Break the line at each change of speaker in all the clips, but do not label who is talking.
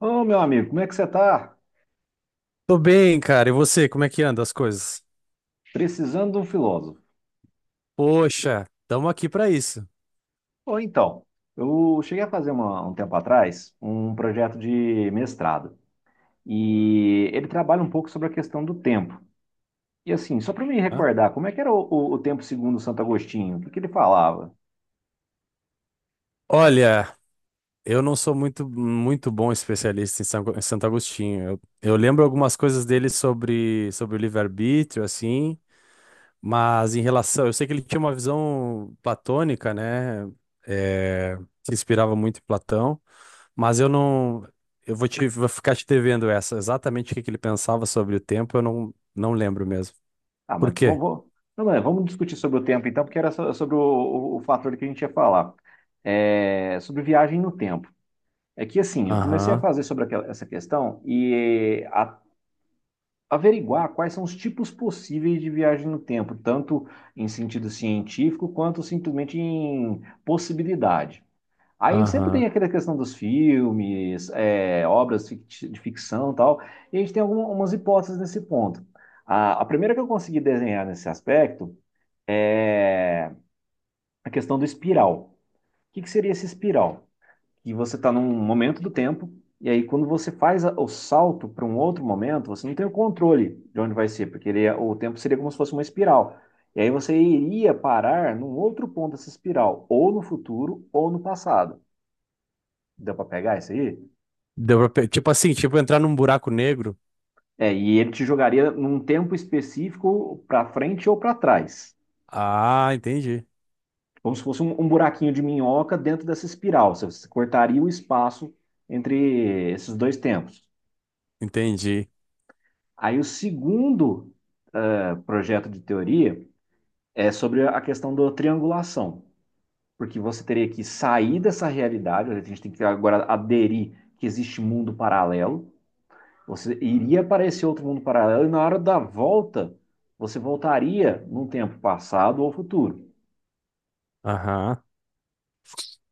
Ô, meu amigo, como é que você está?
Tô bem, cara. E você, como é que anda as coisas?
Precisando de um filósofo.
Poxa, estamos aqui para isso.
Ou então, eu cheguei a fazer um tempo atrás um projeto de mestrado e ele trabalha um pouco sobre a questão do tempo. E assim, só para me
Hã?
recordar, como é que era o tempo segundo Santo Agostinho? O que que ele falava?
Olha, eu não sou muito bom especialista em em Santo Agostinho. Eu lembro algumas coisas dele sobre o livre-arbítrio, assim, mas em relação. Eu sei que ele tinha uma visão platônica, né? É, se inspirava muito em Platão, mas eu não. Eu vou ficar te devendo essa. Exatamente o que que ele pensava sobre o tempo, eu não lembro mesmo.
Ah,
Por
mas
quê?
não, não, é, vamos discutir sobre o tempo então, porque era sobre o fator que a gente ia falar. É, sobre viagem no tempo. É que assim, eu comecei a
Aham,
fazer sobre essa questão e a averiguar quais são os tipos possíveis de viagem no tempo, tanto em sentido científico quanto simplesmente em possibilidade. Aí sempre tem
aham.
aquela questão dos filmes, é, obras de ficção e tal, e a gente tem algumas hipóteses nesse ponto. A primeira que eu consegui desenhar nesse aspecto é a questão do espiral. O que que seria esse espiral? E você está num momento do tempo, e aí quando você faz o salto para um outro momento, você não tem o controle de onde vai ser, porque o tempo seria como se fosse uma espiral. E aí você iria parar num outro ponto dessa espiral, ou no futuro, ou no passado. Deu para pegar isso aí?
Tipo assim, tipo entrar num buraco negro.
É, e ele te jogaria num tempo específico para frente ou para trás.
Ah, entendi.
Como se fosse um buraquinho de minhoca dentro dessa espiral. Você cortaria o espaço entre esses dois tempos.
Entendi.
Aí o segundo projeto de teoria é sobre a questão da triangulação, porque você teria que sair dessa realidade, a gente tem que agora aderir que existe mundo paralelo, você iria para esse outro mundo paralelo e na hora da volta você voltaria num tempo passado ou futuro,
Aham.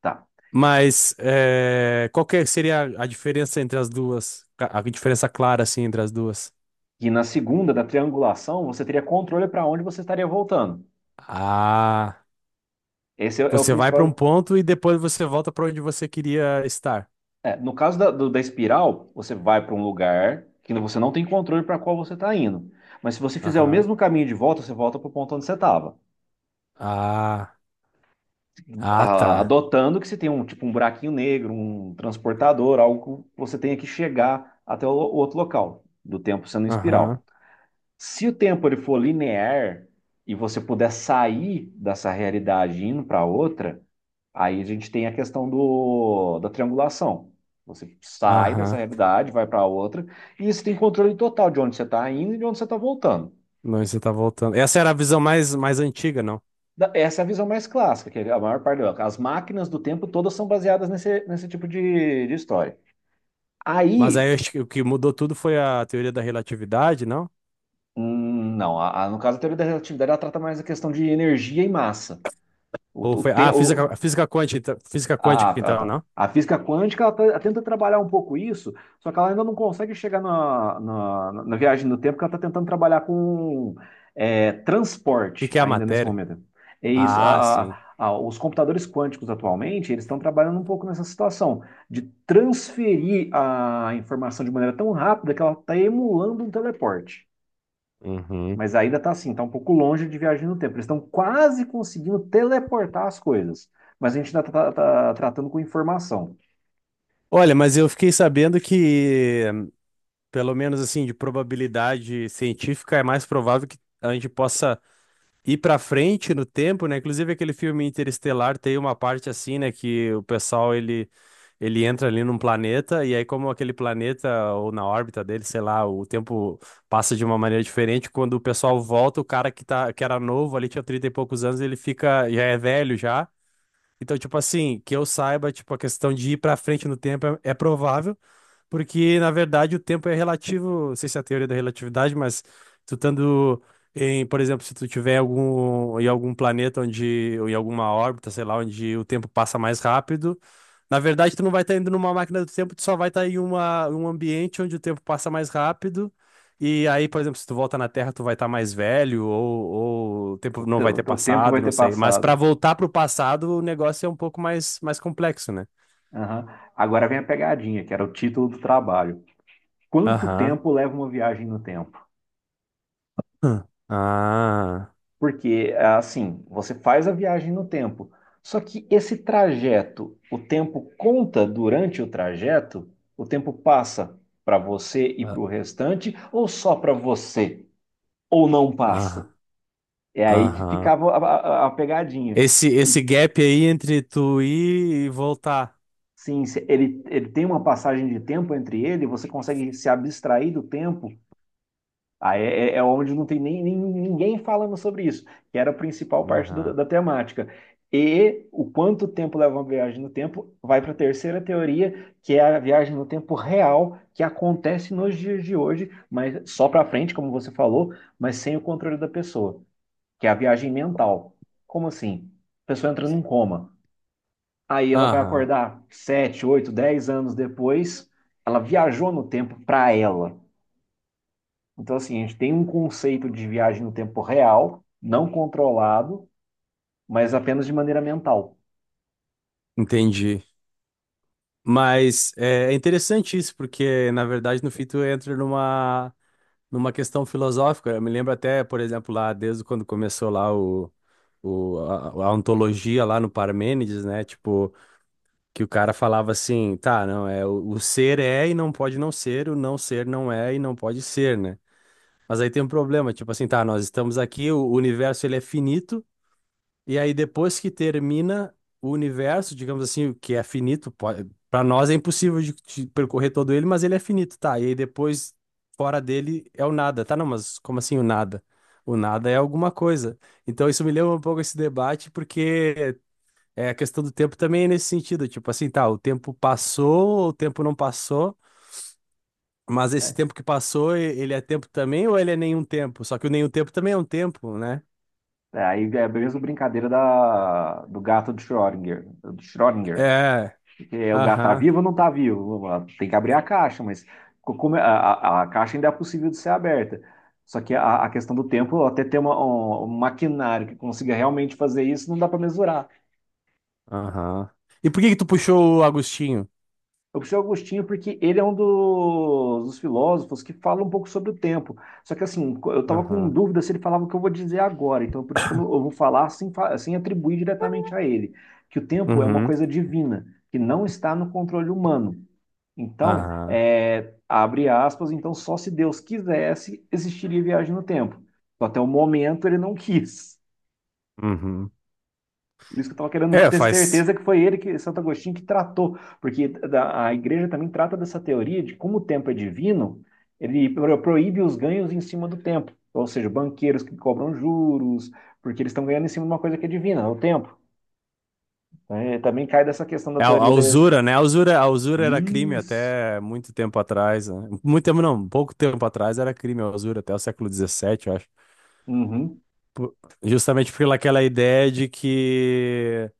tá?
Mas é, qual que seria a diferença entre as duas? A diferença clara, assim, entre as duas?
E na segunda da triangulação você teria controle para onde você estaria voltando.
Ah,
Esse é, é o
você vai pra um
principal.
ponto e depois você volta pra onde você queria estar.
É, no caso da espiral, você vai para um lugar que você não tem controle para qual você está indo. Mas se você fizer o
Aham.
mesmo caminho de volta, você volta para o ponto onde você estava.
Ah, ah, tá.
Adotando que você tem um tipo um buraquinho negro, um transportador, algo que você tenha que chegar até o outro local, do tempo sendo em espiral.
Aham.
Se o tempo ele for linear e você puder sair dessa realidade e indo para outra, aí a gente tem a questão da triangulação. Você sai dessa
Aham.
realidade, vai para outra, e você tem controle total de onde você está indo e de onde você está voltando.
Não, você tá voltando. Essa era a visão mais antiga, não?
Essa é a visão mais clássica, que é a maior parte. As máquinas do tempo todas são baseadas nesse tipo de história.
Mas aí
Aí,
acho que o que mudou tudo foi a teoria da relatividade, não?
não, no caso da teoria da relatividade, ela trata mais a questão de energia e massa. O,
Ou
o,
foi.
te-
Ah,
o,
física quântica, então, física
Ah,
quântica,
ah,
então,
tá.
não? O
A física quântica ela, ela tenta trabalhar um pouco isso, só que ela ainda não consegue chegar na viagem no tempo, porque ela está tentando trabalhar com é,
que
transporte
que é a
ainda nesse
matéria?
momento. É isso.
Ah, sim.
A- os computadores quânticos atualmente, eles estão trabalhando um pouco nessa situação de transferir a informação de maneira tão rápida que ela está emulando um teleporte.
Uhum.
Mas ainda tá assim, tá um pouco longe de viagem no tempo. Eles estão quase conseguindo teleportar as coisas. Mas a gente ainda tá tratando com informação.
Olha, mas eu fiquei sabendo que, pelo menos assim, de probabilidade científica, é mais provável que a gente possa ir pra frente no tempo, né? Inclusive aquele filme Interestelar tem uma parte assim, né, que o pessoal ele entra ali num planeta e aí como aquele planeta ou na órbita dele, sei lá, o tempo passa de uma maneira diferente, quando o pessoal volta, o cara que tá que era novo ali tinha 30 e poucos anos, ele fica já é velho já. Então, tipo assim, que eu saiba, tipo a questão de ir pra frente no tempo é provável. Porque, na verdade, o tempo é relativo, não sei se é a teoria da relatividade, mas tu estando em, por exemplo, se tu tiver algum, em algum planeta onde, ou em alguma órbita, sei lá, onde o tempo passa mais rápido, na verdade, tu não vai estar indo numa máquina do tempo, tu só vai estar em um ambiente onde o tempo passa mais rápido. E aí, por exemplo, se tu volta na Terra, tu vai estar mais velho, ou o tempo não vai ter
O tempo vai
passado,
ter
não sei. Mas para
passado.
voltar pro passado, o negócio é um pouco mais complexo, né?
Aham. Agora vem a pegadinha, que era o título do trabalho. Quanto
Aham.
tempo leva uma viagem no tempo?
Hum. Ah.
Porque, assim, você faz a viagem no tempo. Só que esse trajeto, o tempo conta durante o trajeto? O tempo passa para você e para o restante, ou só para você? Ou não passa?
Ah,
É aí que
aham.
ficava a pegadinha.
Esse
E
gap aí entre tu ir e voltar.
sim, se ele tem uma passagem de tempo entre ele, você consegue se abstrair do tempo. Aí é, é onde não tem ninguém falando sobre isso, que era a principal parte
Aham.
da temática. E o quanto tempo leva uma viagem no tempo vai para a terceira teoria, que é a viagem no tempo real, que acontece nos dias de hoje, mas só para frente, como você falou, mas sem o controle da pessoa, que é a viagem mental. Como assim? A pessoa entra num coma. Aí ela vai
Aham.
acordar 7, 8, 10 anos depois, ela viajou no tempo para ela. Então, assim, a gente tem um conceito de viagem no tempo real, não controlado, mas apenas de maneira mental.
Entendi. Mas é interessante isso, porque na verdade no fim tu entra numa, numa questão filosófica. Eu me lembro até, por exemplo, lá desde quando começou lá a ontologia lá no Parmênides, né? Tipo, que o cara falava assim, tá, não, é o ser é e não pode não ser, o não ser não é e não pode ser, né? Mas aí tem um problema, tipo assim, tá, nós estamos aqui, o universo ele é finito, e aí depois que termina o universo, digamos assim, o que é finito, pode, para nós é impossível de percorrer todo ele, mas ele é finito, tá? E aí depois fora dele é o nada, tá? Não, mas como assim o nada? O nada é alguma coisa. Então isso me lembra um pouco esse debate, porque é, a questão do tempo também é nesse sentido, tipo assim, tá, o tempo passou, o tempo não passou. Mas esse
Né?
tempo que passou, ele é tempo também ou ele é nenhum tempo? Só que o nenhum tempo também é um tempo, né?
É, aí é a mesma brincadeira da, do gato de Schrödinger. Do Schrödinger.
É.
Que é, o gato tá
Aham.
vivo ou não está vivo? Tem que abrir a caixa, mas como é- a caixa ainda é possível de ser aberta. Só que a questão do tempo, até ter um maquinário que consiga realmente fazer isso, não dá para mesurar.
Aham. E por que que tu puxou o Agostinho?
Eu puxei o Agostinho porque ele é um dos filósofos que fala um pouco sobre o tempo. Só que assim, eu estava com
Aham.
dúvida se ele falava o que eu vou dizer agora, então por isso que eu vou falar sem, sem atribuir diretamente a ele, que o tempo é uma
Uhum.
coisa divina, que não está no controle humano. Então,
Aham.
é, abre aspas, então só se Deus quisesse, existiria viagem no tempo. Só até o momento ele não quis.
Uhum.
Por isso que eu estava querendo
É,
ter
faz.
certeza que foi ele, que Santo Agostinho, que tratou, porque a igreja também trata dessa teoria de como o tempo é divino, ele proíbe os ganhos em cima do tempo, ou seja, banqueiros que cobram juros, porque eles estão ganhando em cima de uma coisa que é divina, é o tempo. Então, é, também cai dessa questão da
É a
teoria da...
usura, né? A usura era crime
Isso!
até muito tempo atrás. Né? Muito tempo, não, pouco tempo atrás era crime a usura, até o século 17 eu acho.
Uhum,
Por- Justamente pelaquela ideia de que.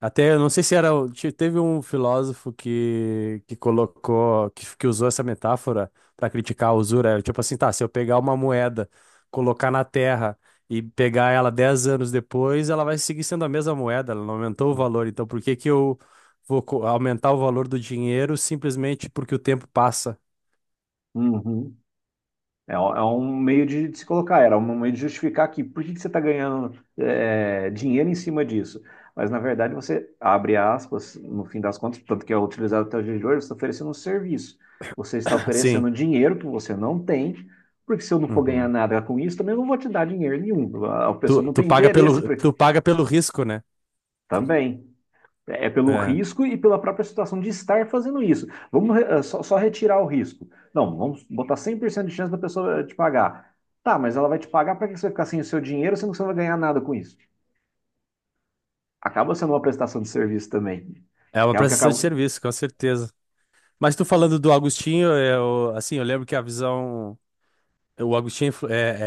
Até, eu não sei se era. Teve um filósofo que colocou, que usou essa metáfora para criticar a usura. Era tipo assim, tá, se eu pegar uma moeda, colocar na terra e pegar ela 10 anos depois, ela vai seguir sendo a mesma moeda, ela não aumentou o valor. Então, por que que eu vou aumentar o valor do dinheiro simplesmente porque o tempo passa?
uhum. É, é um meio de se colocar, era um meio de justificar que por que que você está ganhando é, dinheiro em cima disso? Mas, na verdade, você abre aspas, no fim das contas, tanto que é utilizado até o dia de hoje, você está oferecendo um serviço. Você está
Sim.
oferecendo dinheiro que você não tem, porque se eu não for ganhar
Uhum.
nada com isso, também eu não vou te dar dinheiro nenhum. A pessoa
Tu,
não
tu
tem
paga
interesse
pelo, tu paga pelo risco, né?
também. É pelo
É,
risco e pela própria situação de estar fazendo isso. Vamos só retirar o risco. Não, vamos botar 100% de chance da pessoa te pagar. Tá, mas ela vai te pagar, para que você vai ficar sem o seu dinheiro, sendo que você não vai ganhar nada com isso? Acaba sendo uma prestação de serviço também,
é uma
que é o que
prestação de
acaba.
serviço, com certeza. Mas tu falando do Agostinho, eu, assim, eu lembro que a visão, o Agostinho é influ- é,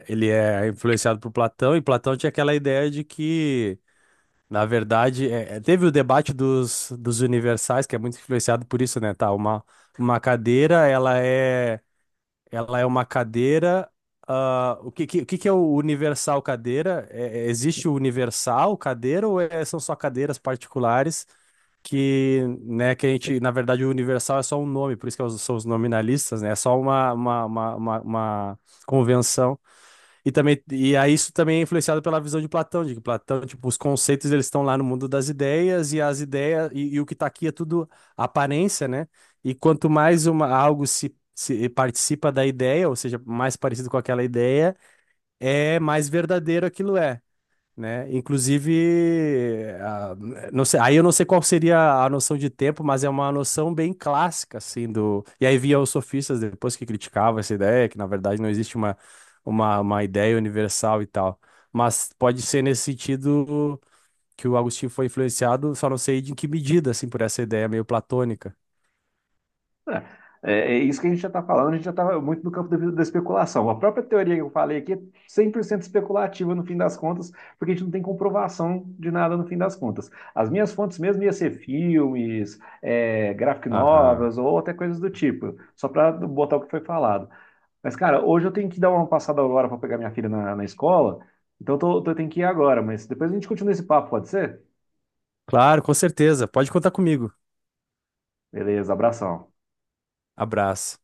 é- ele é influenciado por Platão, e Platão tinha aquela ideia de que, na verdade, teve o debate dos universais, que é muito influenciado por isso, né? Tá, uma cadeira, ela é uma cadeira, ah, o que é o universal cadeira? Existe o universal cadeira ou são só cadeiras particulares? Que, né, que a gente, na verdade, o universal é só um nome, por isso que é são os nominalistas, né? É só uma convenção. E também, e aí isso também é influenciado pela visão de Platão, de que Platão, tipo, os conceitos eles estão lá no mundo das ideias e as ideias e o que está aqui é tudo aparência, né? E quanto mais uma algo se se participa da ideia, ou seja, mais parecido com aquela ideia, é mais verdadeiro aquilo é né? Inclusive, não sei, aí eu não sei qual seria a noção de tempo, mas é uma noção bem clássica, assim, do... E aí via os sofistas depois que criticavam essa ideia, que na verdade não existe uma, ideia universal e tal. Mas pode ser nesse sentido que o Agostinho foi influenciado, só não sei de em que medida, assim, por essa ideia meio platônica.
É, é isso que a gente já está falando, a gente já está muito no campo da especulação. A própria teoria que eu falei aqui é 100% especulativa no fim das contas, porque a gente não tem comprovação de nada no fim das contas. As minhas fontes mesmo iam ser filmes, é, graphic
Aham.
novels ou até coisas do tipo, só para botar o que foi falado. Mas, cara, hoje eu tenho que dar uma passada agora para pegar minha filha na escola, então eu tenho que ir agora, mas depois a gente continua esse papo, pode ser?
Claro, com certeza. Pode contar comigo.
Beleza, abração.
Abraço.